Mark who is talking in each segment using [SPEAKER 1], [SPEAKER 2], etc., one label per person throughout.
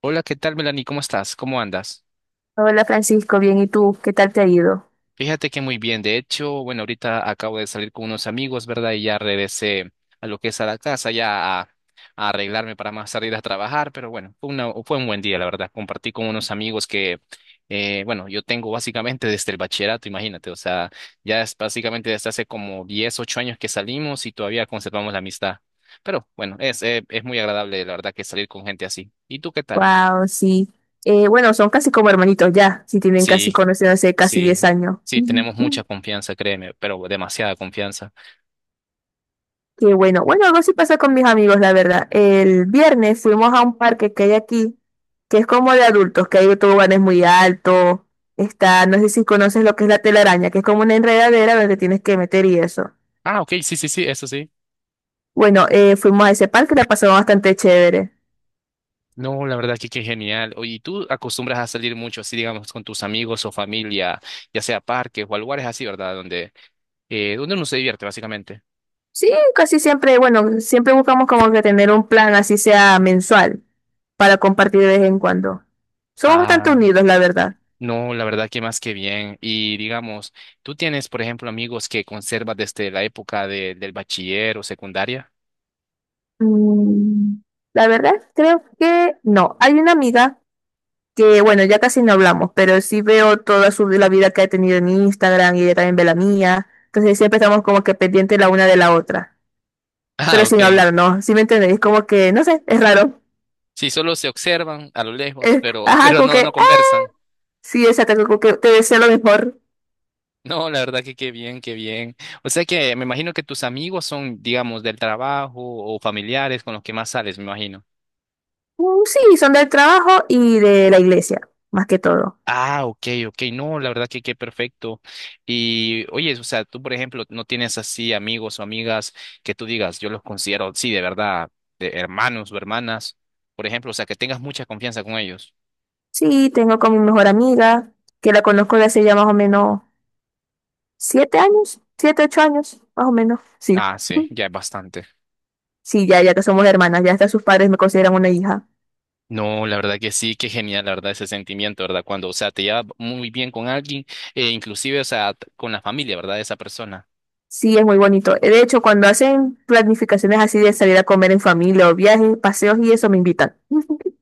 [SPEAKER 1] Hola, ¿qué tal, Melanie? ¿Cómo estás? ¿Cómo andas?
[SPEAKER 2] Hola Francisco, bien, ¿y tú? ¿Qué tal te ha ido?
[SPEAKER 1] Fíjate que muy bien. De hecho, bueno, ahorita acabo de salir con unos amigos, ¿verdad? Y ya regresé a lo que es a la casa, ya a arreglarme para más salir a trabajar. Pero bueno, fue un buen día, la verdad. Compartí con unos amigos que, bueno, yo tengo básicamente desde el bachillerato, imagínate. O sea, ya es básicamente desde hace como 10, 8 años que salimos y todavía conservamos la amistad. Pero bueno, es muy agradable, la verdad, que salir con gente así. ¿Y tú qué tal?
[SPEAKER 2] Wow, sí. Bueno, son casi como hermanitos ya, si tienen casi
[SPEAKER 1] Sí.
[SPEAKER 2] conociéndose casi 10
[SPEAKER 1] Sí,
[SPEAKER 2] años.
[SPEAKER 1] sí,
[SPEAKER 2] Ujú.
[SPEAKER 1] tenemos mucha
[SPEAKER 2] Ujú.
[SPEAKER 1] confianza, créeme, pero demasiada confianza.
[SPEAKER 2] Qué bueno. Bueno, algo sí pasa con mis amigos, la verdad. El viernes fuimos a un parque que hay aquí, que es como de adultos, que hay toboganes muy altos. No sé si conoces lo que es la telaraña, que es como una enredadera donde te tienes que meter y eso.
[SPEAKER 1] Ah, ok, sí, sí, sí, eso sí.
[SPEAKER 2] Bueno, fuimos a ese parque, la pasamos bastante chévere.
[SPEAKER 1] No, la verdad que qué genial. Oye, ¿y tú acostumbras a salir mucho así, digamos, con tus amigos o familia, ya sea a parques o a lugares así, ¿verdad? Donde uno se divierte, básicamente.
[SPEAKER 2] Sí, casi siempre, bueno, siempre buscamos como que tener un plan así sea mensual para compartir de vez en cuando. Somos bastante
[SPEAKER 1] Ah,
[SPEAKER 2] unidos, la verdad.
[SPEAKER 1] no, la verdad que más que bien. Y digamos, ¿tú tienes, por ejemplo, amigos que conservas desde la época del bachiller o secundaria?
[SPEAKER 2] Mm, La verdad, creo que no. Hay una amiga que, bueno, ya casi no hablamos, pero sí veo toda la vida que ha tenido en Instagram y ella también ve la mía. Entonces siempre estamos como que pendientes la una de la otra,
[SPEAKER 1] Ah,
[SPEAKER 2] pero
[SPEAKER 1] ok.
[SPEAKER 2] sin hablar, ¿no? ¿Sí me entendéis? Como que, no sé, es raro.
[SPEAKER 1] Sí, solo se observan a lo lejos, pero,
[SPEAKER 2] Ajá,
[SPEAKER 1] pero
[SPEAKER 2] como
[SPEAKER 1] no
[SPEAKER 2] que,
[SPEAKER 1] conversan.
[SPEAKER 2] sí, exacto, como que te deseo lo mejor.
[SPEAKER 1] No, la verdad que qué bien, qué bien. O sea que me imagino que tus amigos son, digamos, del trabajo o familiares con los que más sales, me imagino.
[SPEAKER 2] Sí, son del trabajo y de la iglesia, más que todo.
[SPEAKER 1] Ah, ok, ok, no, la verdad que qué perfecto. Y oye, o sea, tú, por ejemplo, no tienes así amigos o amigas que tú digas, yo los considero, sí, de verdad, de hermanos o hermanas, por ejemplo, o sea, que tengas mucha confianza con ellos.
[SPEAKER 2] Sí, tengo con mi mejor amiga, que la conozco de hace ya más o menos 7 años, 7, 8 años, más o menos. Sí,
[SPEAKER 1] Ah, sí, ya es bastante.
[SPEAKER 2] sí, ya, ya que somos hermanas, ya hasta sus padres me consideran una hija.
[SPEAKER 1] No, la verdad que sí, qué genial, la verdad, ese sentimiento, ¿verdad? Cuando, o sea, te llevas muy bien con alguien, inclusive, o sea, con la familia, ¿verdad? De esa persona.
[SPEAKER 2] Sí, es muy bonito. De hecho, cuando hacen planificaciones así de salir a comer en familia o viajes, paseos y eso, me invitan.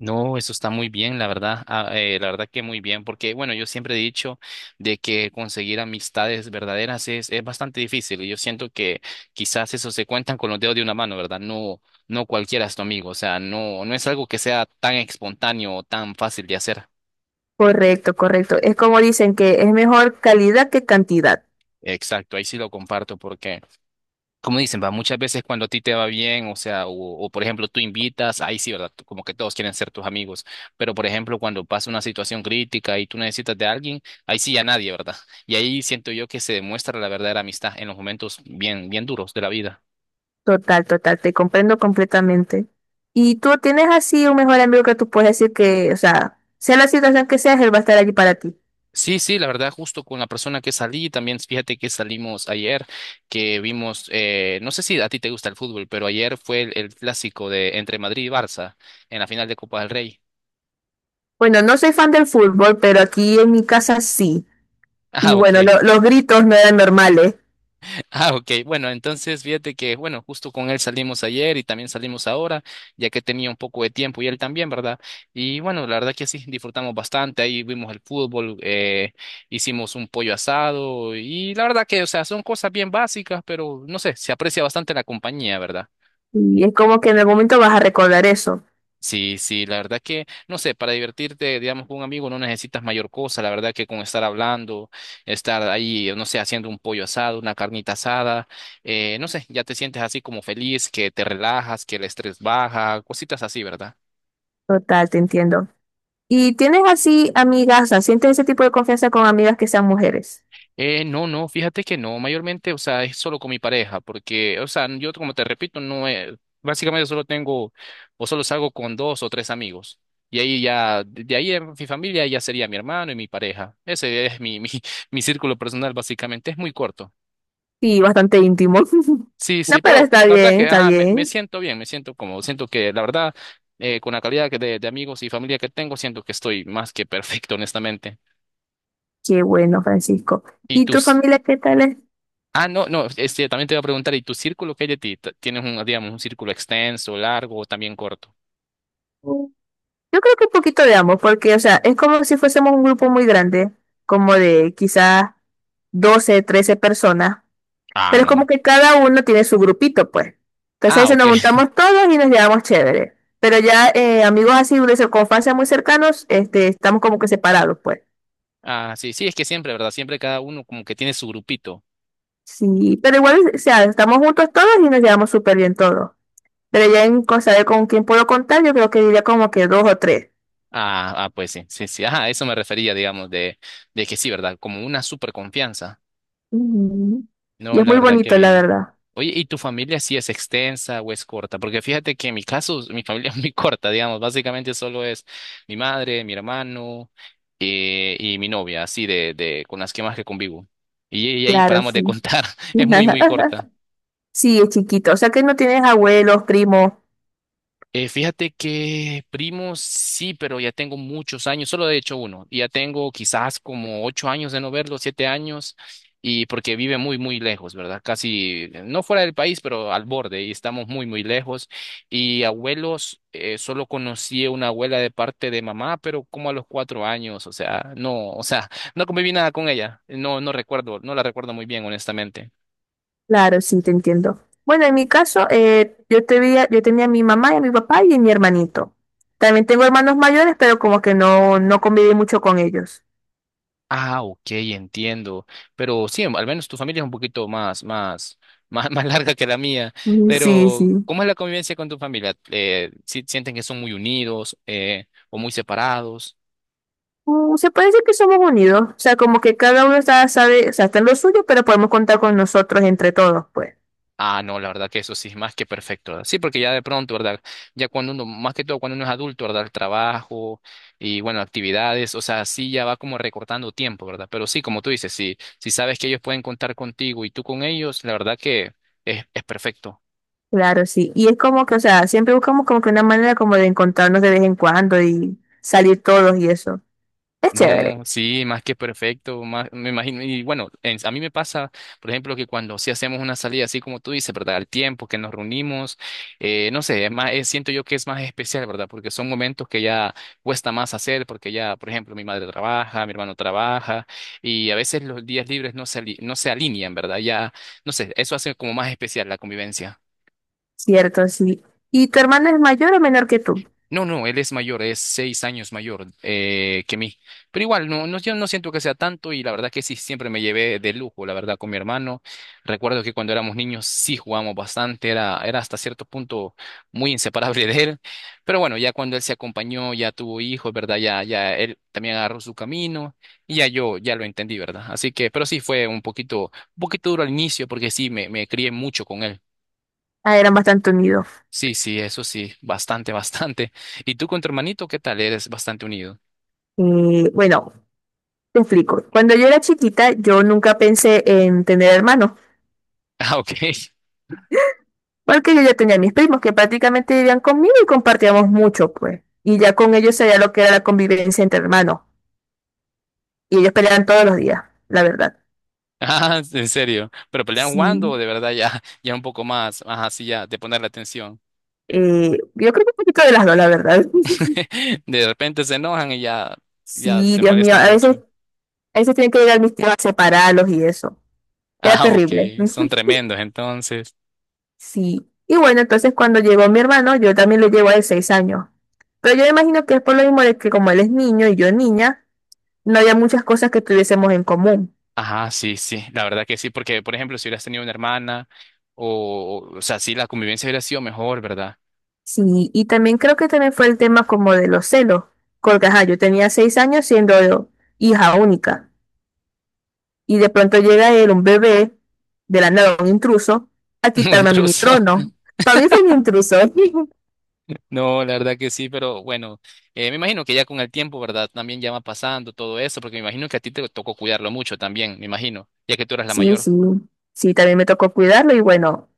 [SPEAKER 1] No, eso está muy bien, la verdad, la verdad que muy bien, porque, bueno, yo siempre he dicho de que conseguir amistades verdaderas es bastante difícil, y yo siento que quizás eso se cuentan con los dedos de una mano, ¿verdad? No, no cualquiera es tu amigo, o sea, no, no es algo que sea tan espontáneo o tan fácil de hacer.
[SPEAKER 2] Correcto, correcto. Es como dicen que es mejor calidad que cantidad.
[SPEAKER 1] Exacto, ahí sí lo comparto porque como dicen, va, muchas veces cuando a ti te va bien, o sea, por ejemplo tú invitas, ahí sí, ¿verdad? Como que todos quieren ser tus amigos, pero por ejemplo cuando pasa una situación crítica y tú necesitas de alguien, ahí sí ya nadie, ¿verdad? Y ahí siento yo que se demuestra la verdadera amistad en los momentos bien, bien duros de la vida.
[SPEAKER 2] Total, total, te comprendo completamente. Y tú tienes así un mejor amigo que tú puedes decir que, o sea, sea la situación que sea, él va a estar allí para ti.
[SPEAKER 1] Sí, sí, la verdad, justo con la persona que salí, también fíjate que salimos ayer, que vimos, no sé si a ti te gusta el fútbol, pero ayer fue el clásico de entre Madrid y Barça en la final de Copa del Rey.
[SPEAKER 2] Bueno, no soy fan del fútbol, pero aquí en mi casa sí. Y
[SPEAKER 1] Ah, ok.
[SPEAKER 2] bueno, los gritos no eran normales.
[SPEAKER 1] Ah, ok. Bueno, entonces fíjate que, bueno, justo con él salimos ayer y también salimos ahora, ya que tenía un poco de tiempo y él también, ¿verdad? Y bueno, la verdad que sí, disfrutamos bastante. Ahí vimos el fútbol, hicimos un pollo asado y la verdad que, o sea, son cosas bien básicas, pero no sé, se aprecia bastante la compañía, ¿verdad?
[SPEAKER 2] Y es como que en el momento vas a recordar eso.
[SPEAKER 1] Sí, sí, la verdad que, no sé, para divertirte, digamos, con un amigo no necesitas mayor cosa, la verdad que con estar hablando, estar ahí, no sé, haciendo un pollo asado, una carnita asada, no sé, ya te sientes así como feliz, que te relajas, que el estrés baja, cositas así, ¿verdad?
[SPEAKER 2] Total, te entiendo. ¿Y tienes así amigas, o sea, sientes ese tipo de confianza con amigas que sean mujeres?
[SPEAKER 1] No, no, fíjate que no, mayormente, o sea, es solo con mi pareja, porque, o sea, yo como te repito, no es, básicamente solo tengo, o solo salgo con dos o tres amigos. Y ahí ya, de ahí en mi familia ya sería mi hermano y mi pareja. Ese es mi, mi círculo personal, básicamente, es muy corto.
[SPEAKER 2] Sí, bastante íntimo.
[SPEAKER 1] Sí,
[SPEAKER 2] No,
[SPEAKER 1] sí,
[SPEAKER 2] pero
[SPEAKER 1] pero
[SPEAKER 2] está
[SPEAKER 1] la verdad
[SPEAKER 2] bien,
[SPEAKER 1] que,
[SPEAKER 2] está
[SPEAKER 1] ajá, me
[SPEAKER 2] bien.
[SPEAKER 1] siento bien, me siento como, siento que la verdad, con la calidad de amigos y familia que tengo, siento que estoy más que perfecto, honestamente.
[SPEAKER 2] Qué bueno, Francisco.
[SPEAKER 1] ¿Y
[SPEAKER 2] ¿Y
[SPEAKER 1] tú?
[SPEAKER 2] tu familia qué tal es?
[SPEAKER 1] Ah, no, no, este, también te voy a preguntar, ¿y tu círculo que hay de ti? ¿Tienes un, digamos, un círculo extenso, largo o también corto?
[SPEAKER 2] Yo creo que un poquito de ambos, porque, o sea, es como si fuésemos un grupo muy grande, como de quizás 12, 13 personas,
[SPEAKER 1] Ah,
[SPEAKER 2] pero es como
[SPEAKER 1] no.
[SPEAKER 2] que cada uno tiene su grupito, pues. Entonces ahí
[SPEAKER 1] Ah,
[SPEAKER 2] se
[SPEAKER 1] ok.
[SPEAKER 2] nos juntamos todos y nos llevamos chévere. Pero ya amigos así de circunstancias muy cercanos, este, estamos como que separados, pues.
[SPEAKER 1] Ah, sí, sí, es que siempre, ¿verdad? Siempre cada uno como que tiene su grupito.
[SPEAKER 2] Sí, pero igual, o sea, estamos juntos todos y nos llevamos súper bien todos. Pero ya en cosa de con quién puedo contar, yo creo que diría como que dos o tres.
[SPEAKER 1] Ah, ah, pues sí, sí, sí. Ajá, a eso me refería, digamos, de que sí, ¿verdad? Como una super confianza.
[SPEAKER 2] Ujú. Y
[SPEAKER 1] No,
[SPEAKER 2] es
[SPEAKER 1] la
[SPEAKER 2] muy
[SPEAKER 1] verdad que
[SPEAKER 2] bonito, la
[SPEAKER 1] bien.
[SPEAKER 2] verdad.
[SPEAKER 1] Oye, ¿y tu familia sí es extensa o es corta? Porque fíjate que en mi caso, mi familia es muy corta, digamos. Básicamente solo es mi madre, mi hermano, y mi novia, así de con las que más que convivo. Y ahí
[SPEAKER 2] Claro,
[SPEAKER 1] paramos de
[SPEAKER 2] sí.
[SPEAKER 1] contar. Es muy, muy corta.
[SPEAKER 2] Sí, es chiquito. O sea que no tienes abuelos, primos.
[SPEAKER 1] Fíjate que primos sí, pero ya tengo muchos años, solo he hecho uno, y ya tengo quizás como 8 años de no verlo, 7 años, y porque vive muy, muy lejos, ¿verdad? Casi, no fuera del país, pero al borde, y estamos muy, muy lejos. Y abuelos, solo conocí a una abuela de parte de mamá, pero como a los 4 años, o sea, no conviví nada con ella, no, no recuerdo, no la recuerdo muy bien, honestamente.
[SPEAKER 2] Claro, sí, te entiendo. Bueno, en mi caso, yo tenía a mi mamá y a mi papá y a mi hermanito. También tengo hermanos mayores, pero como que no, no conviví mucho con ellos.
[SPEAKER 1] Ah, ok, entiendo. Pero sí, al menos tu familia es un poquito más, más, más, más larga que la mía.
[SPEAKER 2] Sí,
[SPEAKER 1] Pero,
[SPEAKER 2] sí.
[SPEAKER 1] ¿cómo es la convivencia con tu familia? ¿Sienten que son muy unidos, o muy separados?
[SPEAKER 2] Se puede decir que somos unidos. O sea, como que cada uno está, sabe, o sea, está en lo suyo, pero podemos contar con nosotros entre todos, pues.
[SPEAKER 1] Ah, no, la verdad que eso sí es más que perfecto, ¿verdad? Sí, porque ya de pronto, ¿verdad? Ya cuando uno, más que todo cuando uno es adulto, ¿verdad? El trabajo y, bueno, actividades, o sea, sí ya va como recortando tiempo, ¿verdad? Pero sí, como tú dices, sí, si sabes que ellos pueden contar contigo y tú con ellos, la verdad que es perfecto.
[SPEAKER 2] Claro, sí. Y es como que, o sea, siempre buscamos como que una manera como de encontrarnos de vez en cuando y salir todos y eso. Es chévere.
[SPEAKER 1] No, sí, más que perfecto, más, me imagino, y bueno, a mí me pasa, por ejemplo, que cuando sí hacemos una salida, así como tú dices, ¿verdad? Al tiempo que nos reunimos, no sé, es más, siento yo que es más especial, ¿verdad? Porque son momentos que ya cuesta más hacer, porque ya, por ejemplo, mi madre trabaja, mi hermano trabaja, y a veces los días libres no se alinean, ¿verdad? Ya, no sé, eso hace como más especial la convivencia.
[SPEAKER 2] Cierto, sí. ¿Y tu hermana es mayor o menor que tú?
[SPEAKER 1] No, no, él es mayor, es 6 años mayor, que mí. Pero igual, no, no, yo no siento que sea tanto y la verdad que sí, siempre me llevé de lujo, la verdad, con mi hermano. Recuerdo que cuando éramos niños sí jugamos bastante, era hasta cierto punto muy inseparable de él. Pero bueno, ya cuando él se acompañó, ya tuvo hijos, ¿verdad? Ya él también agarró su camino y ya yo ya lo entendí, ¿verdad? Así que, pero sí fue un poquito duro al inicio porque sí, me crié mucho con él.
[SPEAKER 2] Ah, eran bastante unidos.
[SPEAKER 1] Sí, sí, eso sí, bastante, bastante. ¿Y tú con tu hermanito qué tal? Eres bastante unido.
[SPEAKER 2] Bueno, te explico. Cuando yo era chiquita, yo nunca pensé en tener hermanos,
[SPEAKER 1] Ah, ok.
[SPEAKER 2] porque yo ya tenía mis primos que prácticamente vivían conmigo y compartíamos mucho, pues. Y ya con ellos sabía lo que era la convivencia entre hermanos. Y ellos peleaban todos los días, la verdad.
[SPEAKER 1] Ah, en serio. ¿Pero pelean jugando o
[SPEAKER 2] Sí.
[SPEAKER 1] de verdad ya, un poco más, ajá, sí, ya, de poner la atención?
[SPEAKER 2] Yo creo que un poquito de las dos, la verdad.
[SPEAKER 1] De repente se enojan y ya
[SPEAKER 2] Sí,
[SPEAKER 1] se
[SPEAKER 2] Dios mío.
[SPEAKER 1] molestan mucho.
[SPEAKER 2] A veces tienen que llegar mis tíos a separarlos y eso. Era
[SPEAKER 1] Ah, ok.
[SPEAKER 2] terrible.
[SPEAKER 1] Son tremendos, entonces.
[SPEAKER 2] Sí. Y bueno, entonces cuando llegó mi hermano, yo también le llevo de 6 años. Pero yo me imagino que es por lo mismo de que como él es niño y yo niña, no había muchas cosas que tuviésemos en común.
[SPEAKER 1] Ajá, sí, sí, la verdad que sí, porque, por ejemplo, si hubieras tenido una hermana, o sea, sí, la convivencia hubiera sido mejor, ¿verdad?
[SPEAKER 2] Sí, y también creo que también fue el tema como de los celos, porque ajá, yo tenía 6 años siendo hija única, y de pronto llega él, un bebé, de la nada, un intruso, a
[SPEAKER 1] Muy
[SPEAKER 2] quitarme a mí mi
[SPEAKER 1] intruso.
[SPEAKER 2] trono. Para mí fue un intruso.
[SPEAKER 1] No, la verdad que sí, pero bueno, me imagino que ya con el tiempo, ¿verdad? También ya va pasando todo eso, porque me imagino que a ti te tocó cuidarlo mucho también, me imagino, ya que tú eras la
[SPEAKER 2] Sí,
[SPEAKER 1] mayor.
[SPEAKER 2] sí, sí, también me tocó cuidarlo y bueno,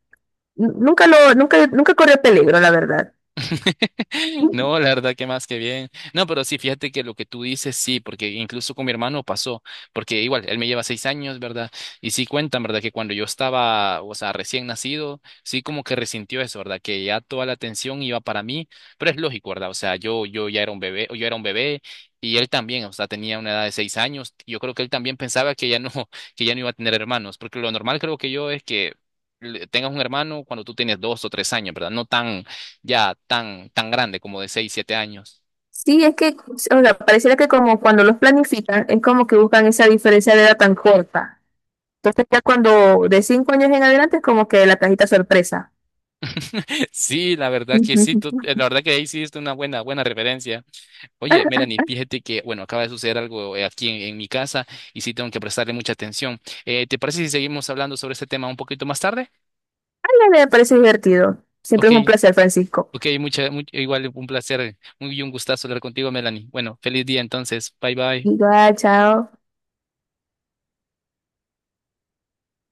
[SPEAKER 2] n- nunca lo, nunca, nunca corrió peligro, la verdad.
[SPEAKER 1] No, la verdad que más que bien. No, pero sí, fíjate que lo que tú dices, sí, porque incluso con mi hermano pasó, porque igual, él me lleva 6 años, ¿verdad? Y sí cuentan, ¿verdad? Que cuando yo estaba, o sea, recién nacido, sí como que resintió eso, ¿verdad? Que ya toda la atención iba para mí, pero es lógico, ¿verdad? O sea, yo ya era un bebé, yo era un bebé. Y él también, o sea, tenía una edad de 6 años. Yo creo que él también pensaba que ya no, que ya no iba a tener hermanos, porque lo normal creo que yo es que tengas un hermano cuando tú tienes 2 o 3 años, ¿verdad? No tan, ya tan, tan grande como de 6 o 7 años.
[SPEAKER 2] Sí, es que, o sea, pareciera que como cuando los planifican, es como que buscan esa diferencia de edad tan corta. Entonces ya cuando de 5 años en adelante es como que la cajita sorpresa.
[SPEAKER 1] Sí, la verdad que sí,
[SPEAKER 2] Ujú.
[SPEAKER 1] la verdad que ahí sí es una buena, buena referencia. Oye, Melanie, fíjate que, bueno, acaba de suceder algo, aquí en mi casa y sí tengo que prestarle mucha atención. ¿Te parece si seguimos hablando sobre este tema un poquito más tarde?
[SPEAKER 2] Ay, me parece divertido. Siempre
[SPEAKER 1] Ok,
[SPEAKER 2] es un placer, Francisco.
[SPEAKER 1] ok, igual un placer, muy un gustazo hablar contigo, Melanie. Bueno, feliz día entonces, bye bye.
[SPEAKER 2] Igual, chao.